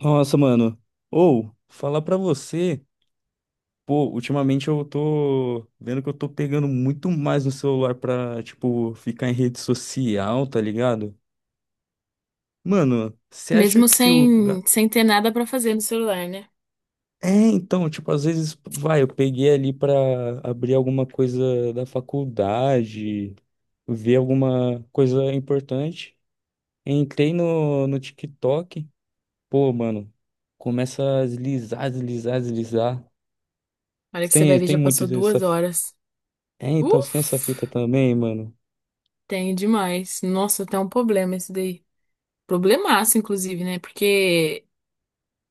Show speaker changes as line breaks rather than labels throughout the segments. Nossa, mano. Ou, falar pra você, pô, ultimamente eu tô vendo que eu tô pegando muito mais no celular pra, tipo, ficar em rede social, tá ligado? Mano, você acha
Mesmo
que se eu.
sem ter nada pra fazer no celular, né?
É, então, tipo, às vezes, vai, eu peguei ali pra abrir alguma coisa da faculdade, ver alguma coisa importante. Entrei no TikTok, pô, mano, começa a deslizar, deslizar, deslizar.
Olha que você
Tem,
vai ver,
tem
já
muito
passou
essa.
2 horas.
É, então você tem essa fita
Uf,
também, mano.
tem demais. Nossa, tá um problema esse daí. Problemaço, inclusive, né? Porque,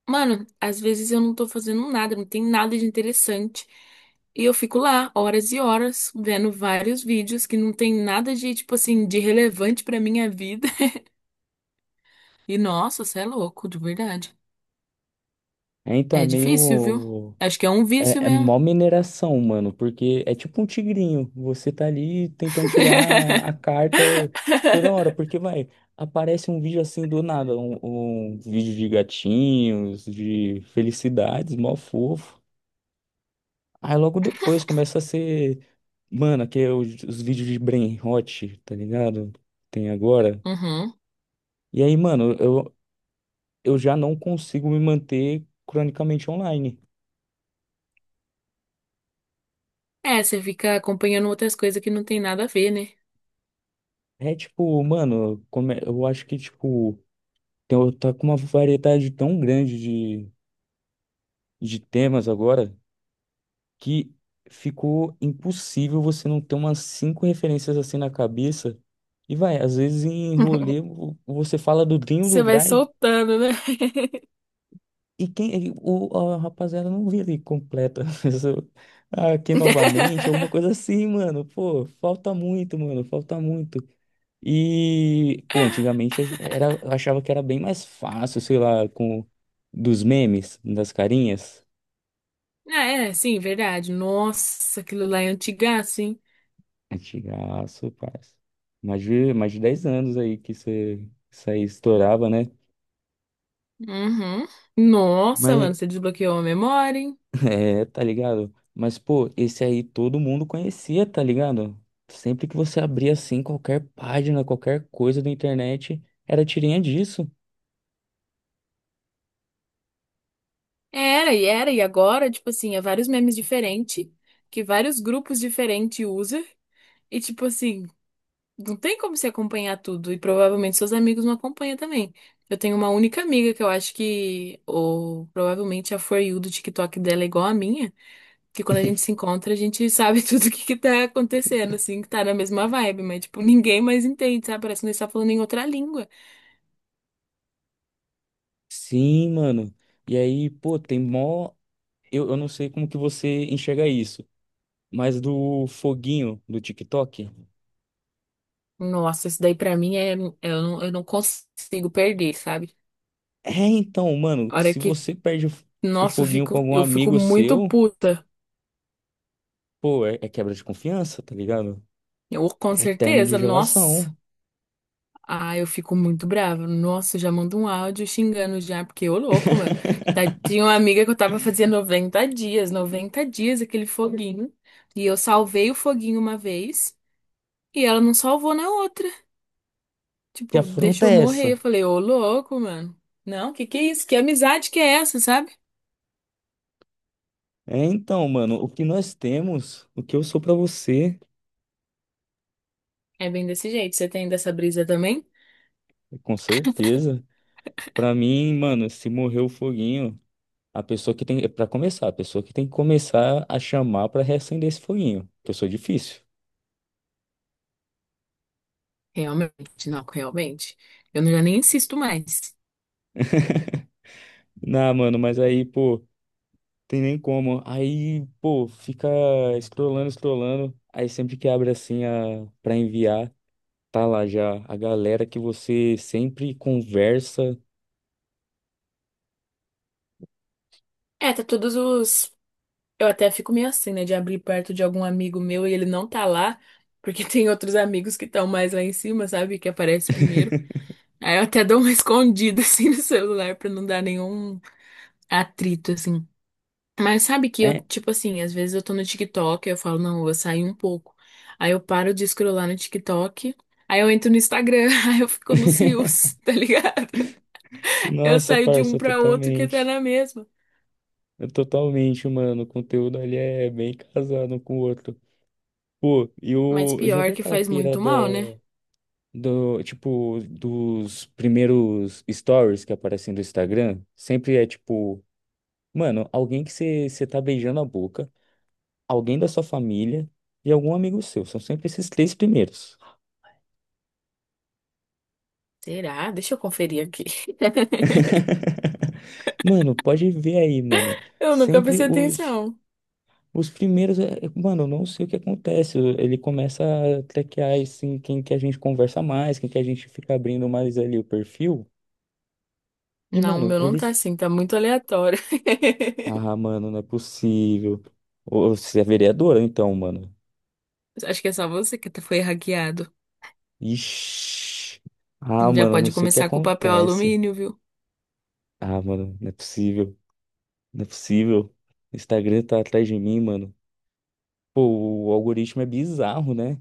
mano, às vezes eu não tô fazendo nada, não tem nada de interessante. E eu fico lá horas e horas vendo vários vídeos que não tem nada de, tipo assim, de relevante pra minha vida. E nossa, você é louco, de verdade.
É, então é
É difícil, viu?
meio.
Acho que é um vício
É, é
mesmo.
mó mineração, mano, porque é tipo um tigrinho. Você tá ali tentando tirar a carta toda hora, porque vai, aparece um vídeo assim do nada, um vídeo de gatinhos, de felicidades, mó fofo. Aí logo depois começa a ser, mano, aqui é os vídeos de Brain Rot, tá ligado? Tem agora.
Uhum.
E aí, mano, eu já não consigo me manter cronicamente online.
É, você fica acompanhando outras coisas que não tem nada a ver, né?
É tipo, mano, eu acho que, tipo, tem, tá com uma variedade tão grande de temas agora que ficou impossível você não ter umas cinco referências assim na cabeça. E vai, às vezes em rolê você fala do Dinho do
Você vai
Dry
soltando, né?
e quem, a rapaziada não vira e completa. Aqui novamente, alguma coisa assim, mano. Pô, falta muito, mano, falta muito. E, pô, antigamente a era, eu achava que era bem mais fácil, sei lá, com dos memes, das carinhas.
Ah, é, sim, verdade. Nossa, aquilo lá é antigaço, hein?
Antigaço, parça. Mais de 10 anos aí que você, isso aí estourava, né?
Uhum. Nossa,
Mas,
mano, você desbloqueou a memória, hein?
é, tá ligado? Mas, pô, esse aí todo mundo conhecia, tá ligado? Sempre que você abria assim, qualquer página, qualquer coisa da internet, era tirinha disso.
Era, e era, e agora, tipo assim, é vários memes diferentes, que vários grupos diferentes usam, e tipo assim, não tem como se acompanhar tudo e provavelmente seus amigos não acompanham também. Eu tenho uma única amiga que eu acho que, ou provavelmente a For You do TikTok dela é igual a minha, que quando a gente se encontra a gente sabe tudo o que que tá acontecendo, assim, que tá na mesma vibe, mas tipo, ninguém mais entende, sabe? Parece que nós tá falando em outra língua.
Sim, mano. E aí, pô, tem mó. Eu não sei como que você enxerga isso. Mas do foguinho do TikTok?
Nossa, isso daí pra mim é, eu não consigo perder, sabe?
É, então, mano,
A
que
hora
se
que,
você o
nossa, eu
foguinho
fico,
com algum
eu fico
amigo
muito
seu,
puta.
pô, é quebra de confiança, tá ligado?
Eu, com
É término de
certeza, nossa.
relação.
Ah, eu fico muito brava. Nossa, eu já mando um áudio xingando já, porque ô louco, mano. Tá, tinha uma amiga que eu tava fazendo 90 dias, 90 dias aquele foguinho. E eu salvei o foguinho uma vez e ela não salvou na outra.
Que
Tipo,
afronta
deixou
é essa?
morrer. Eu falei, ô louco, mano. Não, que é isso? Que amizade que é essa, sabe?
É, então, mano, o que nós temos, o que eu sou pra você,
É bem desse jeito. Você tem dessa brisa também?
com certeza. Pra mim, mano, se morrer o foguinho, a pessoa que tem que começar a chamar pra reacender esse foguinho, que eu sou difícil.
Realmente, não, realmente. Eu não- já nem insisto mais.
Não, mano, mas aí, pô. Tem nem como. Aí, pô, fica scrollando, scrollando. Aí sempre que abre assim a para enviar, tá lá já a galera que você sempre conversa.
É, tá todos os. Eu até fico meio assim, né, de abrir perto de algum amigo meu e ele não tá lá, porque tem outros amigos que estão mais lá em cima, sabe, que aparece primeiro. Aí eu até dou uma escondida assim no celular pra não dar nenhum atrito assim. Mas sabe que eu,
É.
tipo assim, às vezes eu tô no TikTok, eu falo, não, eu vou sair um pouco. Aí eu paro de scrollar no TikTok, aí eu entro no Instagram, aí eu fico nos rios, tá ligado? Eu
Nossa,
saio de um
parça,
pra outro que tá
totalmente.
na mesma.
É. Totalmente, mano. O conteúdo ali é bem casado um com o outro. Pô, e
Mas
o já
pior
vi
que
aquela
faz muito
pirada
mal, né?
do, tipo, dos primeiros stories que aparecem do Instagram? Sempre é tipo, mano, alguém que você tá beijando a boca, alguém da sua família e algum amigo seu. São sempre esses três primeiros.
Será? Deixa eu conferir aqui.
Mano, pode ver aí, mano.
Eu nunca
Sempre
prestei atenção.
os primeiros. Mano, eu não sei o que acontece. Ele começa a traquear assim, quem que a gente conversa mais, quem que a gente fica abrindo mais ali o perfil. E,
Não, o
mano,
meu não tá
eles.
assim, tá muito aleatório.
Ah, mano, não é possível. Ô, você é vereadora, então, mano.
Acho que é só você que tá, foi hackeado.
Ixi. Ah,
Já
mano, não
pode
sei o que
começar com o papel
acontece.
alumínio, viu?
Ah, mano, não é possível. Não é possível. O Instagram tá atrás de mim, mano. Pô, o algoritmo é bizarro, né?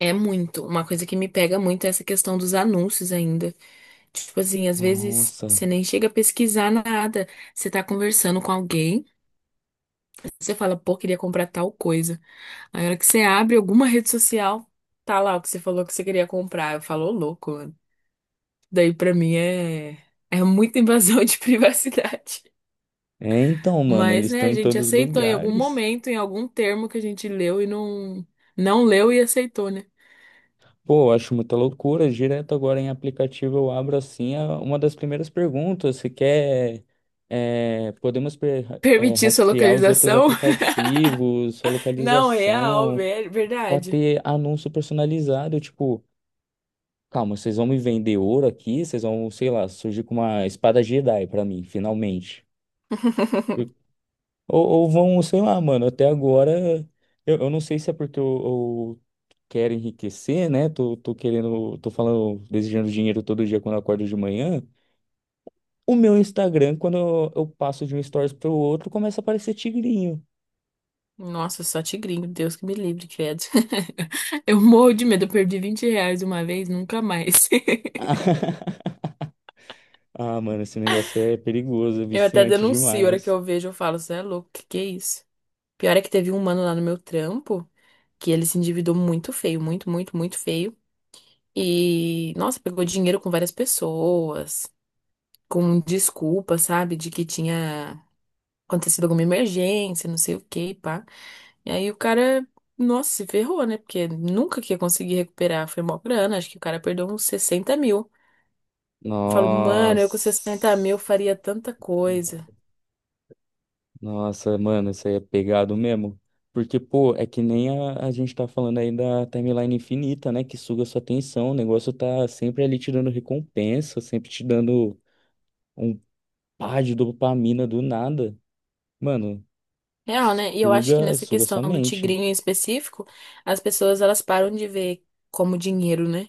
É muito. Uma coisa que me pega muito é essa questão dos anúncios ainda. Tipo assim, às vezes
Nossa.
você nem chega a pesquisar nada. Você tá conversando com alguém, você fala, pô, queria comprar tal coisa. Aí, na hora que você abre alguma rede social, tá lá o que você falou que você queria comprar. Eu falo, ô, louco, daí pra mim é é muita invasão de privacidade.
É então, mano,
Mas,
eles
né,
estão
a
em
gente
todos os
aceitou em algum
lugares.
momento, em algum termo que a gente leu e não leu e aceitou, né?
Pô, eu acho muita loucura. Direto agora em aplicativo eu abro assim uma das primeiras perguntas. Se quer. é, podemos pre- é,
Permitir sua
rastrear os outros
localização?
aplicativos, sua
Não, é real,
localização, pode
verdade.
ter anúncio personalizado, tipo. Calma, vocês vão me vender ouro aqui? Vocês vão, sei lá, surgir com uma espada Jedi pra mim, finalmente. Ou vão, sei lá, mano, até agora, eu não sei se é porque eu quero enriquecer, né? Tô querendo, tô falando, desejando dinheiro todo dia quando eu acordo de manhã. O meu Instagram, quando eu passo de um stories pro outro, começa a aparecer tigrinho.
Nossa, só tigrinho, Deus que me livre, credo. Eu morro de medo, eu perdi R$ 20 uma vez, nunca mais.
Ah, mano, esse negócio é perigoso, é
Eu até
viciante
denuncio, a hora que
demais.
eu vejo, eu falo, você é louco, que é isso? Pior é que teve um mano lá no meu trampo, que ele se endividou muito feio, muito, muito, muito feio. E, nossa, pegou dinheiro com várias pessoas, com desculpa, sabe, de que tinha acontecido alguma emergência, não sei o que, pá. E aí o cara, nossa, se ferrou, né? Porque nunca que ia conseguir recuperar. Foi mó grana, acho que o cara perdeu uns 60 mil. Eu falo, mano, eu com 60
Nossa.
mil faria tanta coisa.
Nossa, mano, isso aí é pegado mesmo. Porque, pô, é que nem a gente tá falando aí da timeline infinita, né? Que suga sua atenção. O negócio tá sempre ali te dando recompensa, sempre te dando um pá de dopamina do nada. Mano,
Real, né? E eu acho que
suga,
nessa
suga
questão
sua
do
mente.
tigrinho em específico, as pessoas elas param de ver como dinheiro, né?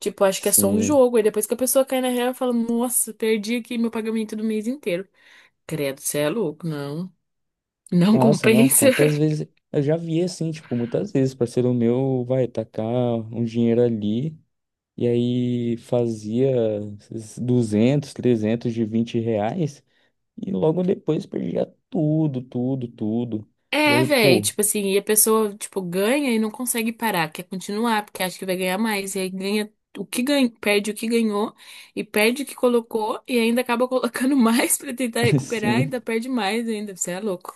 Tipo, acho que é só um
Sim.
jogo. Aí depois que a pessoa cai na real, fala, nossa, perdi aqui meu pagamento do mês inteiro. Credo, você é louco, não. Não
Nossa, não,
compensa.
quantas vezes. Eu já vi assim, tipo, muitas vezes, parceiro meu vai tacar um dinheiro ali. E aí fazia esses 200, 300 de 20 reais. E logo depois perdia tudo, tudo, tudo. E
É,
aí,
velho,
pô,
tipo assim, e a pessoa, tipo, ganha e não consegue parar, quer continuar, porque acha que vai ganhar mais. E aí ganha o que ganha, perde o que ganhou, e perde o que colocou, e ainda acaba colocando mais pra tentar recuperar,
assim,
ainda perde mais ainda. Você é louco.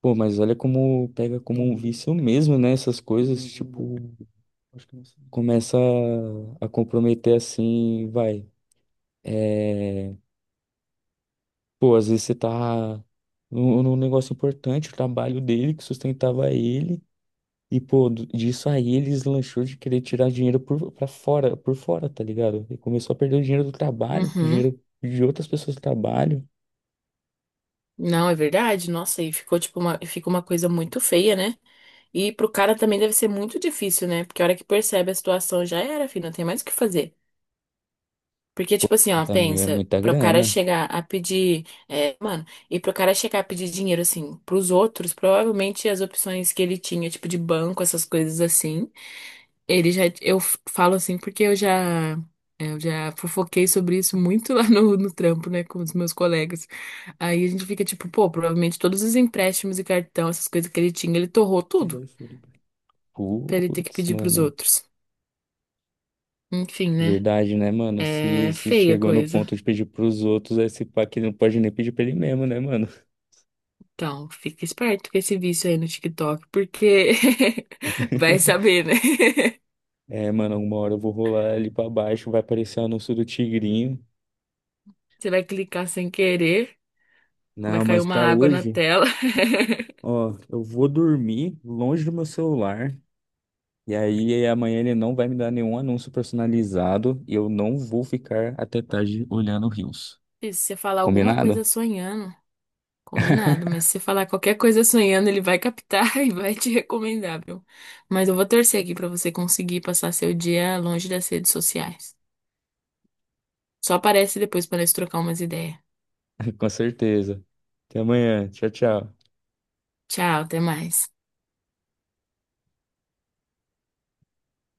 pô, mas olha como pega como um vício mesmo, né? Essas coisas, tipo, começa a comprometer assim, vai. É, pô, às vezes você tá num negócio importante, o trabalho dele que sustentava ele. E, pô, disso aí ele deslanchou de querer tirar dinheiro pra fora, por fora, tá ligado? Ele começou a perder o dinheiro do trabalho, o
Uhum.
dinheiro de outras pessoas do trabalho.
Não, é verdade. Nossa, e ficou tipo uma, fica uma coisa muito feia, né? E pro cara também deve ser muito difícil, né? Porque a hora que percebe a situação já era, filho, não tem mais o que fazer. Porque,
Pô,
tipo assim, ó,
80 mil é
pensa,
muita
pro cara
grana.
chegar a pedir, é, mano, e pro cara chegar a pedir dinheiro, assim, pros outros, provavelmente as opções que ele tinha, tipo de banco, essas coisas assim, ele já, falo assim porque eu já, é, eu já fofoquei sobre isso muito lá no, no trampo, né, com os meus colegas. Aí a gente fica tipo, pô, provavelmente todos os empréstimos e cartão, essas coisas que ele tinha, ele torrou
Se
tudo
dói Floripa.
pra ele ter que
Putz,
pedir pros
mano.
outros. Enfim, né?
Verdade, né, mano?
É
Se
feia a
chegou no
coisa.
ponto de pedir pros outros, esse pá não pode nem pedir pra ele mesmo, né, mano?
Então, fica esperto com esse vício aí no TikTok, porque vai saber, né?
É, mano, uma hora eu vou rolar ali pra baixo, vai aparecer o anúncio do Tigrinho.
Você vai clicar sem querer, vai
Não,
cair
mas
uma
pra
água na
hoje,
tela.
ó, eu vou dormir longe do meu celular. E aí amanhã ele não vai me dar nenhum anúncio personalizado e eu não vou ficar até tarde olhando Reels.
E se você falar alguma
Combinado?
coisa sonhando, combinado, mas se você falar qualquer coisa sonhando, ele vai captar e vai te recomendar, viu? Mas eu vou torcer aqui pra você conseguir passar seu dia longe das redes sociais. Só aparece depois pra nós trocar umas ideias.
Com certeza. Até amanhã. Tchau, tchau.
Tchau, até mais.